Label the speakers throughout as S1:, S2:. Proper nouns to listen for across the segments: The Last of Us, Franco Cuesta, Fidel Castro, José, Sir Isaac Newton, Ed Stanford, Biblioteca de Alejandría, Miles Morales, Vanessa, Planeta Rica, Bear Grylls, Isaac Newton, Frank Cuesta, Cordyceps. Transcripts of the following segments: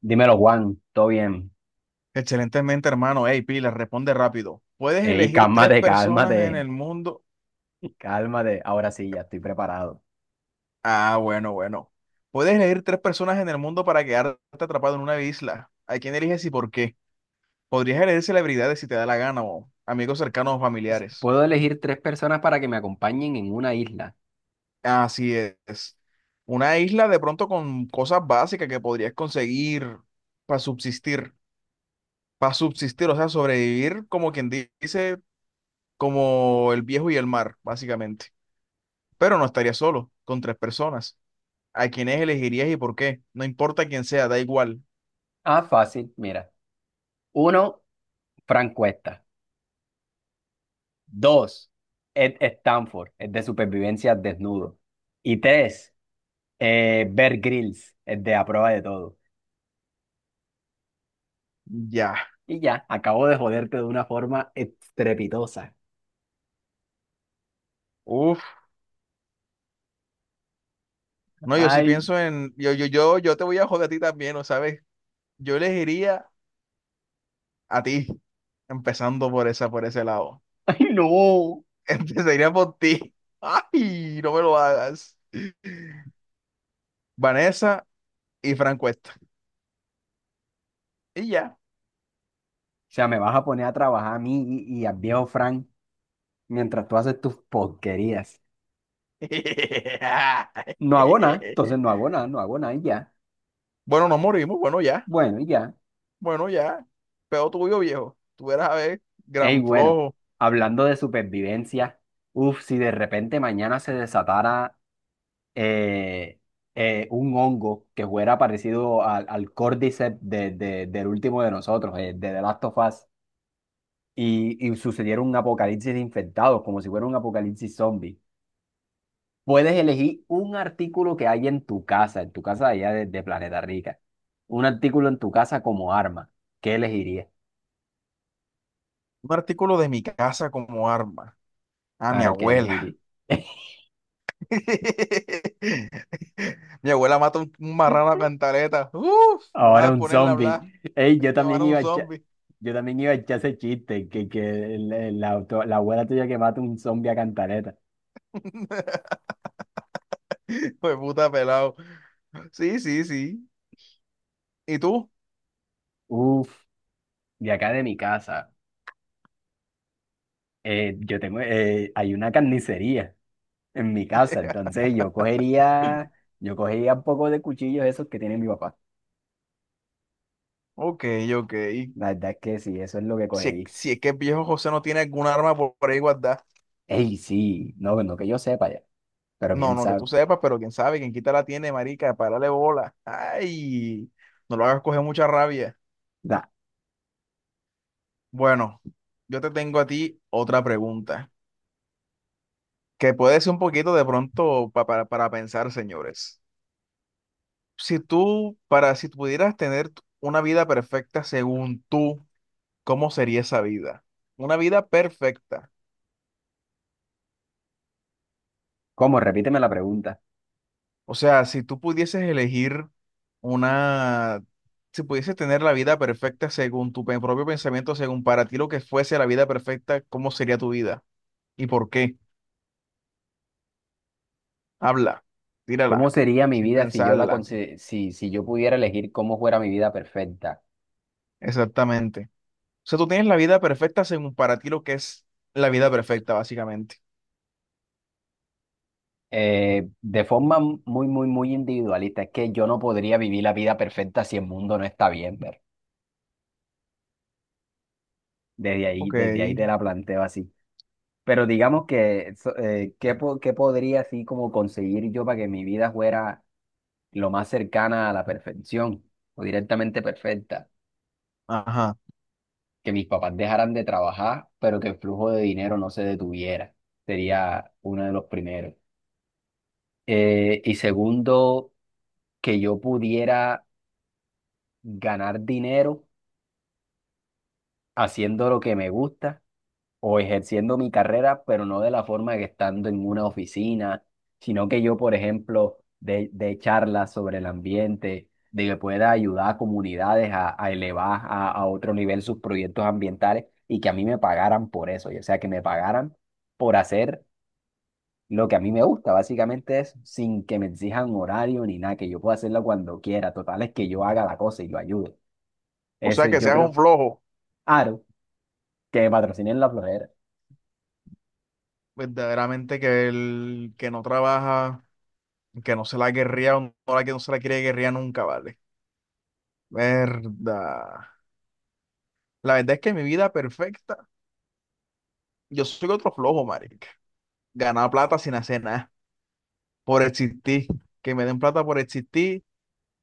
S1: Dímelo, Juan, todo bien.
S2: Excelentemente, hermano. Hey, Pila, responde rápido. ¿Puedes
S1: Ey,
S2: elegir tres personas en el mundo?
S1: cálmate. Ahora sí, ya estoy preparado.
S2: Ah, bueno, bueno. ¿Puedes elegir tres personas en el mundo para quedarte atrapado en una isla? ¿A quién eliges y por qué? Podrías elegir celebridades si te da la gana o amigos cercanos o familiares.
S1: Puedo elegir tres personas para que me acompañen en una isla.
S2: Así es. Una isla de pronto con cosas básicas que podrías conseguir para subsistir. Para subsistir, o sea, sobrevivir como quien dice, como el viejo y el mar, básicamente. Pero no estaría solo, con tres personas. ¿A quiénes elegirías y por qué? No importa quién sea, da igual.
S1: Ah, fácil, mira. Uno, Frank Cuesta. Dos, Ed Stanford, el de supervivencia desnudo. Y tres, Bear Grylls, el de a prueba de todo.
S2: Ya.
S1: Y ya, acabo de joderte de una forma estrepitosa.
S2: Uf. No, yo sí
S1: Ay,
S2: pienso en. Yo te voy a joder a ti también, ¿no sabes? Yo elegiría a ti, empezando por esa, por ese lado.
S1: ay, no. O
S2: Empezaría por ti. Ay, no me lo hagas. Vanessa y Franco Cuesta. Y ya.
S1: sea, me vas a poner a trabajar a mí y al viejo Frank, mientras tú haces tus porquerías. No hago nada, entonces no hago nada, no hago nada y ya.
S2: Bueno, nos morimos. Bueno, ya.
S1: Bueno, y ya.
S2: Bueno, ya. Peor tuyo, viejo. Tú eras a ver,
S1: Ey,
S2: gran
S1: bueno,
S2: flojo.
S1: hablando de supervivencia, uff, si de repente mañana se desatara eh, un hongo que fuera parecido al, al Cordyceps del último de nosotros, de The Last of Us, y sucediera un apocalipsis de infectados, como si fuera un apocalipsis zombie. Puedes elegir un artículo que hay en tu casa allá de Planeta Rica. Un artículo en tu casa como arma. ¿Qué elegirías?
S2: Un artículo de mi casa como arma. A mi
S1: Claro, ¿qué
S2: abuela.
S1: elegirías?
S2: Mi abuela mata un marrano a cantaleta. Uf, nada
S1: Ahora
S2: más de
S1: un
S2: ponerla a hablar.
S1: zombie. Ey, yo
S2: Me van
S1: también
S2: a un
S1: iba a echar,
S2: zombie.
S1: yo también iba a echar ese chiste, que la abuela tuya que mata un zombie a cantareta.
S2: Pues puta pelado. Sí, sí, sí. ¿Y tú?
S1: Uf, de acá de mi casa, yo tengo, hay una carnicería en mi casa, entonces yo cogería un poco de cuchillos esos que tiene mi papá.
S2: Ok, ok.
S1: La verdad es que sí, eso es lo que
S2: Si,
S1: cogí.
S2: si es que el viejo José no tiene algún arma por ahí guardada.
S1: Ey, sí, no, no que yo sepa ya, pero
S2: No,
S1: quién
S2: no, que
S1: sabe.
S2: tú sepas, pero quién sabe, quién quita la tiene, marica, párale bola. Ay, no lo hagas coger mucha rabia.
S1: Da,
S2: Bueno, yo te tengo a ti otra pregunta. Que puede ser un poquito de pronto para pensar, señores. Si tú, para, si pudieras tener una vida perfecta según tú, ¿cómo sería esa vida? Una vida perfecta.
S1: ¿cómo? Repíteme la pregunta.
S2: O sea, si tú pudieses elegir una, si pudieses tener la vida perfecta según tu propio pensamiento, según para ti lo que fuese la vida perfecta, ¿cómo sería tu vida? ¿Y por qué? Habla,
S1: ¿Cómo
S2: tírala,
S1: sería mi
S2: sin
S1: vida si yo la
S2: pensarla.
S1: si, si yo pudiera elegir cómo fuera mi vida perfecta?
S2: Exactamente. O sea, tú tienes la vida perfecta según para ti lo que es la vida perfecta, básicamente.
S1: De forma muy, muy, muy individualista, es que yo no podría vivir la vida perfecta si el mundo no está bien, ver.
S2: Ok,
S1: Desde ahí te la planteo así. Pero digamos que, ¿qué, qué podría así como conseguir yo para que mi vida fuera lo más cercana a la perfección o directamente perfecta?
S2: ajá.
S1: Que mis papás dejaran de trabajar, pero que el flujo de dinero no se detuviera. Sería uno de los primeros. Y segundo, que yo pudiera ganar dinero haciendo lo que me gusta o ejerciendo mi carrera, pero no de la forma que estando en una oficina, sino que yo, por ejemplo, de charlas sobre el ambiente, de que pueda ayudar a comunidades a elevar a otro nivel sus proyectos ambientales y que a mí me pagaran por eso, o sea, que me pagaran por hacer lo que a mí me gusta, básicamente es sin que me exijan horario ni nada, que yo pueda hacerlo cuando quiera, total es que yo haga la cosa y lo ayude.
S2: O sea,
S1: Eso
S2: que
S1: yo
S2: seas un
S1: creo,
S2: flojo,
S1: Aro, que me patrocinen la florera.
S2: verdaderamente que el que no trabaja, que no se la guerría, o no la que no se la quiere guerría nunca, ¿vale? Verdad. La verdad es que mi vida perfecta, yo soy otro flojo, marica. Ganar plata sin hacer nada, por existir. Que me den plata por existir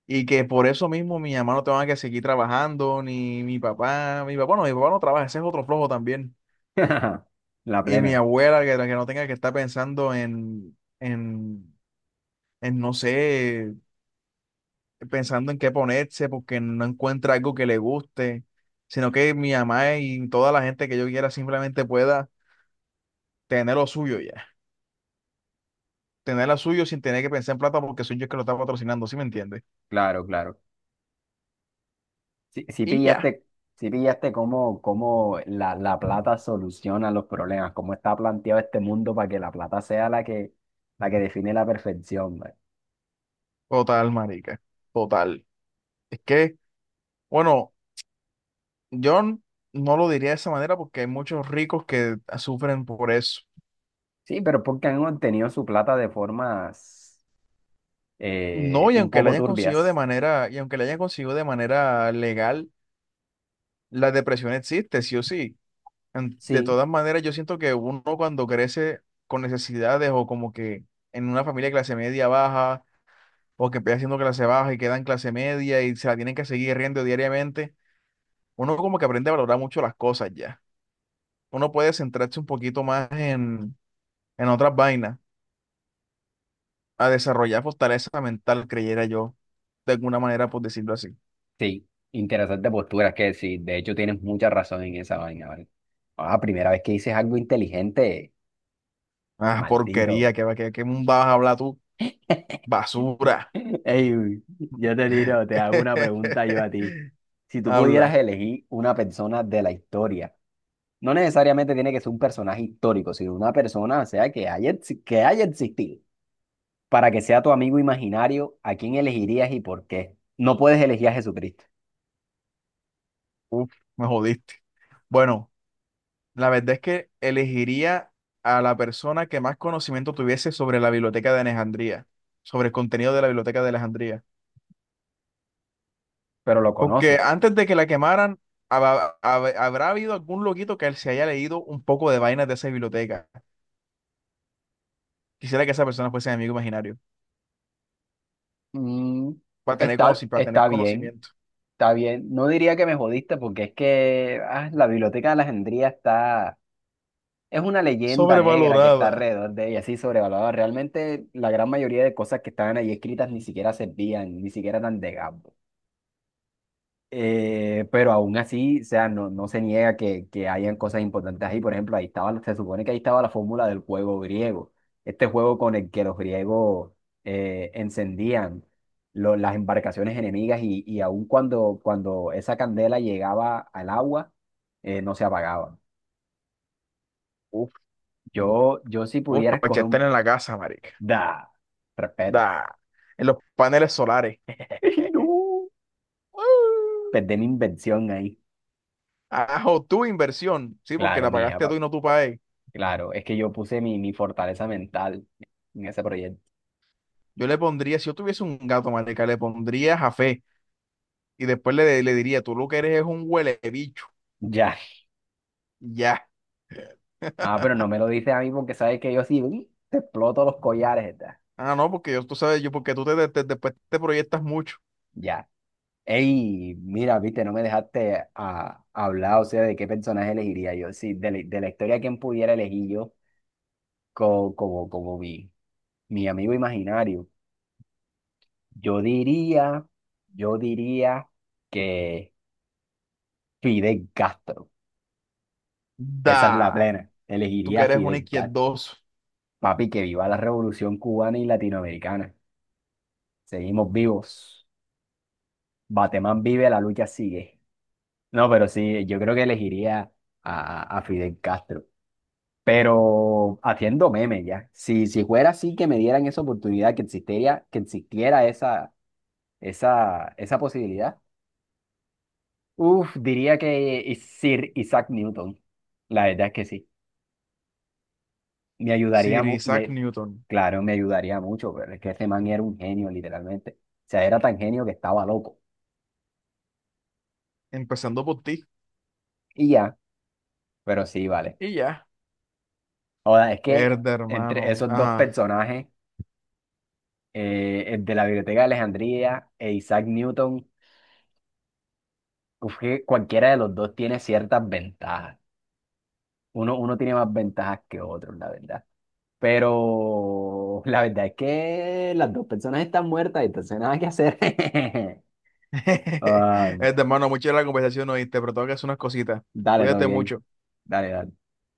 S2: y que por eso mismo mi mamá no tenga que seguir trabajando, ni mi papá, mi papá no trabaja, ese es otro flojo también.
S1: La
S2: Y mi
S1: plena.
S2: abuela, que no tenga que estar pensando en, no sé, pensando en qué ponerse porque no encuentra algo que le guste, sino que mi mamá y toda la gente que yo quiera simplemente pueda tener lo suyo ya. Tener lo suyo sin tener que pensar en plata porque soy yo el que lo está patrocinando, ¿sí me entiendes?
S1: Claro, claro. Si si
S2: Y ya.
S1: pillaste, si pillaste cómo, cómo la, la plata soluciona los problemas, cómo está planteado este mundo para que la plata sea la que define la perfección, ¿vale?
S2: Total, marica. Total. Es que, bueno, yo n- no lo diría de esa manera porque hay muchos ricos que sufren por eso.
S1: Sí, pero porque han obtenido su plata de formas
S2: No, y
S1: un
S2: aunque la
S1: poco
S2: hayan conseguido de
S1: turbias.
S2: manera, y aunque la hayan conseguido de manera legal, la depresión existe, sí o sí. De
S1: Sí.
S2: todas maneras, yo siento que uno cuando crece con necesidades o como que en una familia de clase media baja o que empieza siendo clase baja y queda en clase media y se la tienen que seguir riendo diariamente, uno como que aprende a valorar mucho las cosas ya. Uno puede centrarse un poquito más en otras vainas, a desarrollar fortaleza mental, creyera yo, de alguna manera, por decirlo así.
S1: Sí, interesante postura, es que sí, de hecho tienes mucha razón en esa vaina, ¿vale? Ah, primera vez que dices algo inteligente,
S2: Ah,
S1: maldito.
S2: porquería, qué que vas a hablar tú, basura.
S1: Ey, yo te tiro, te hago una pregunta yo a ti. Si tú
S2: Habla.
S1: pudieras elegir una persona de la historia, no necesariamente tiene que ser un personaje histórico, sino una persona, o sea, que haya, que haya existido, para que sea tu amigo imaginario, ¿a quién elegirías y por qué? No puedes elegir a Jesucristo,
S2: Uf, me jodiste. Bueno, la verdad es que elegiría a la persona que más conocimiento tuviese sobre la biblioteca de Alejandría, sobre el contenido de la biblioteca de Alejandría.
S1: pero lo
S2: Porque
S1: conoces.
S2: antes de que la quemaran, habrá habido algún loquito que se haya leído un poco de vainas de esa biblioteca. Quisiera que esa persona fuese mi amigo imaginario,
S1: Mm,
S2: para tener
S1: está,
S2: para tener
S1: está bien,
S2: conocimiento.
S1: está bien. No diría que me jodiste porque es que ah, la Biblioteca de Alejandría está... Es una leyenda negra que está
S2: Sobrevalorada.
S1: alrededor de ella, así sobrevalorada. Realmente la gran mayoría de cosas que estaban ahí escritas ni siquiera servían, ni siquiera eran de Gabo. Pero aún así, o sea, no, no se niega que hayan cosas importantes ahí. Por ejemplo, ahí estaba, se supone que ahí estaba la fórmula del juego griego. Este juego con el que los griegos encendían las embarcaciones enemigas y aún cuando, cuando esa candela llegaba al agua, no se apagaba. Yo si
S2: Uf,
S1: pudiera
S2: para
S1: escoger...
S2: echarte en la casa, marica.
S1: Da, respeta.
S2: Da. En los paneles solares.
S1: No,
S2: Uh.
S1: perdí mi invención ahí.
S2: Ajo, tu inversión. Sí, porque
S1: Claro,
S2: la
S1: mía,
S2: pagaste tú y no tú pagué.
S1: claro. Es que yo puse mi, mi fortaleza mental en ese proyecto.
S2: Yo le pondría, si yo tuviese un gato, marica, le pondría Jafé. Y después le diría, tú lo que eres es un huele bicho.
S1: Ya.
S2: Ya.
S1: Ah, pero no me lo dices a mí porque sabes que yo sí uy, te exploto los collares, da.
S2: Ah, no, porque yo, tú sabes, yo, porque tú después te proyectas mucho.
S1: Ya. Ey, mira, viste, no me dejaste a, hablar, o sea, de qué personaje elegiría yo. Sí, de, de la historia, ¿quién pudiera elegir yo como, como, como mi amigo imaginario? Yo diría, yo diría que... Fidel Castro. Esa es la
S2: Da.
S1: plena.
S2: Tú que
S1: Elegiría a
S2: eres un
S1: Fidel Castro.
S2: izquierdoso.
S1: Papi, que viva la revolución cubana y latinoamericana. Seguimos vivos. Batemán vive, la lucha sigue. No, pero sí, yo creo que elegiría a Fidel Castro. Pero haciendo memes ya. Si, si fuera así que me dieran esa oportunidad, que existiera esa posibilidad, uf, diría que Sir Isaac Newton. La verdad es que sí. Me ayudaría,
S2: Sir Isaac Newton.
S1: claro, me ayudaría mucho, pero es que ese man era un genio, literalmente. O sea, era tan genio que estaba loco.
S2: Empezando por ti.
S1: Y ya, pero sí, vale.
S2: Y ya.
S1: Ahora, es que
S2: Herda,
S1: entre
S2: hermano.
S1: esos dos
S2: Ajá.
S1: personajes, el de la Biblioteca de Alejandría e Isaac Newton, uf, que cualquiera de los dos tiene ciertas ventajas. Uno, uno tiene más ventajas que otro, la verdad. Pero la verdad es que las dos personas están muertas, entonces nada que hacer.
S2: Este,
S1: Ah,
S2: hermano, mucha la conversación, oíste, pero tengo que hacer unas cositas.
S1: dale, todo
S2: Cuídate
S1: bien.
S2: mucho.
S1: Dale, dale.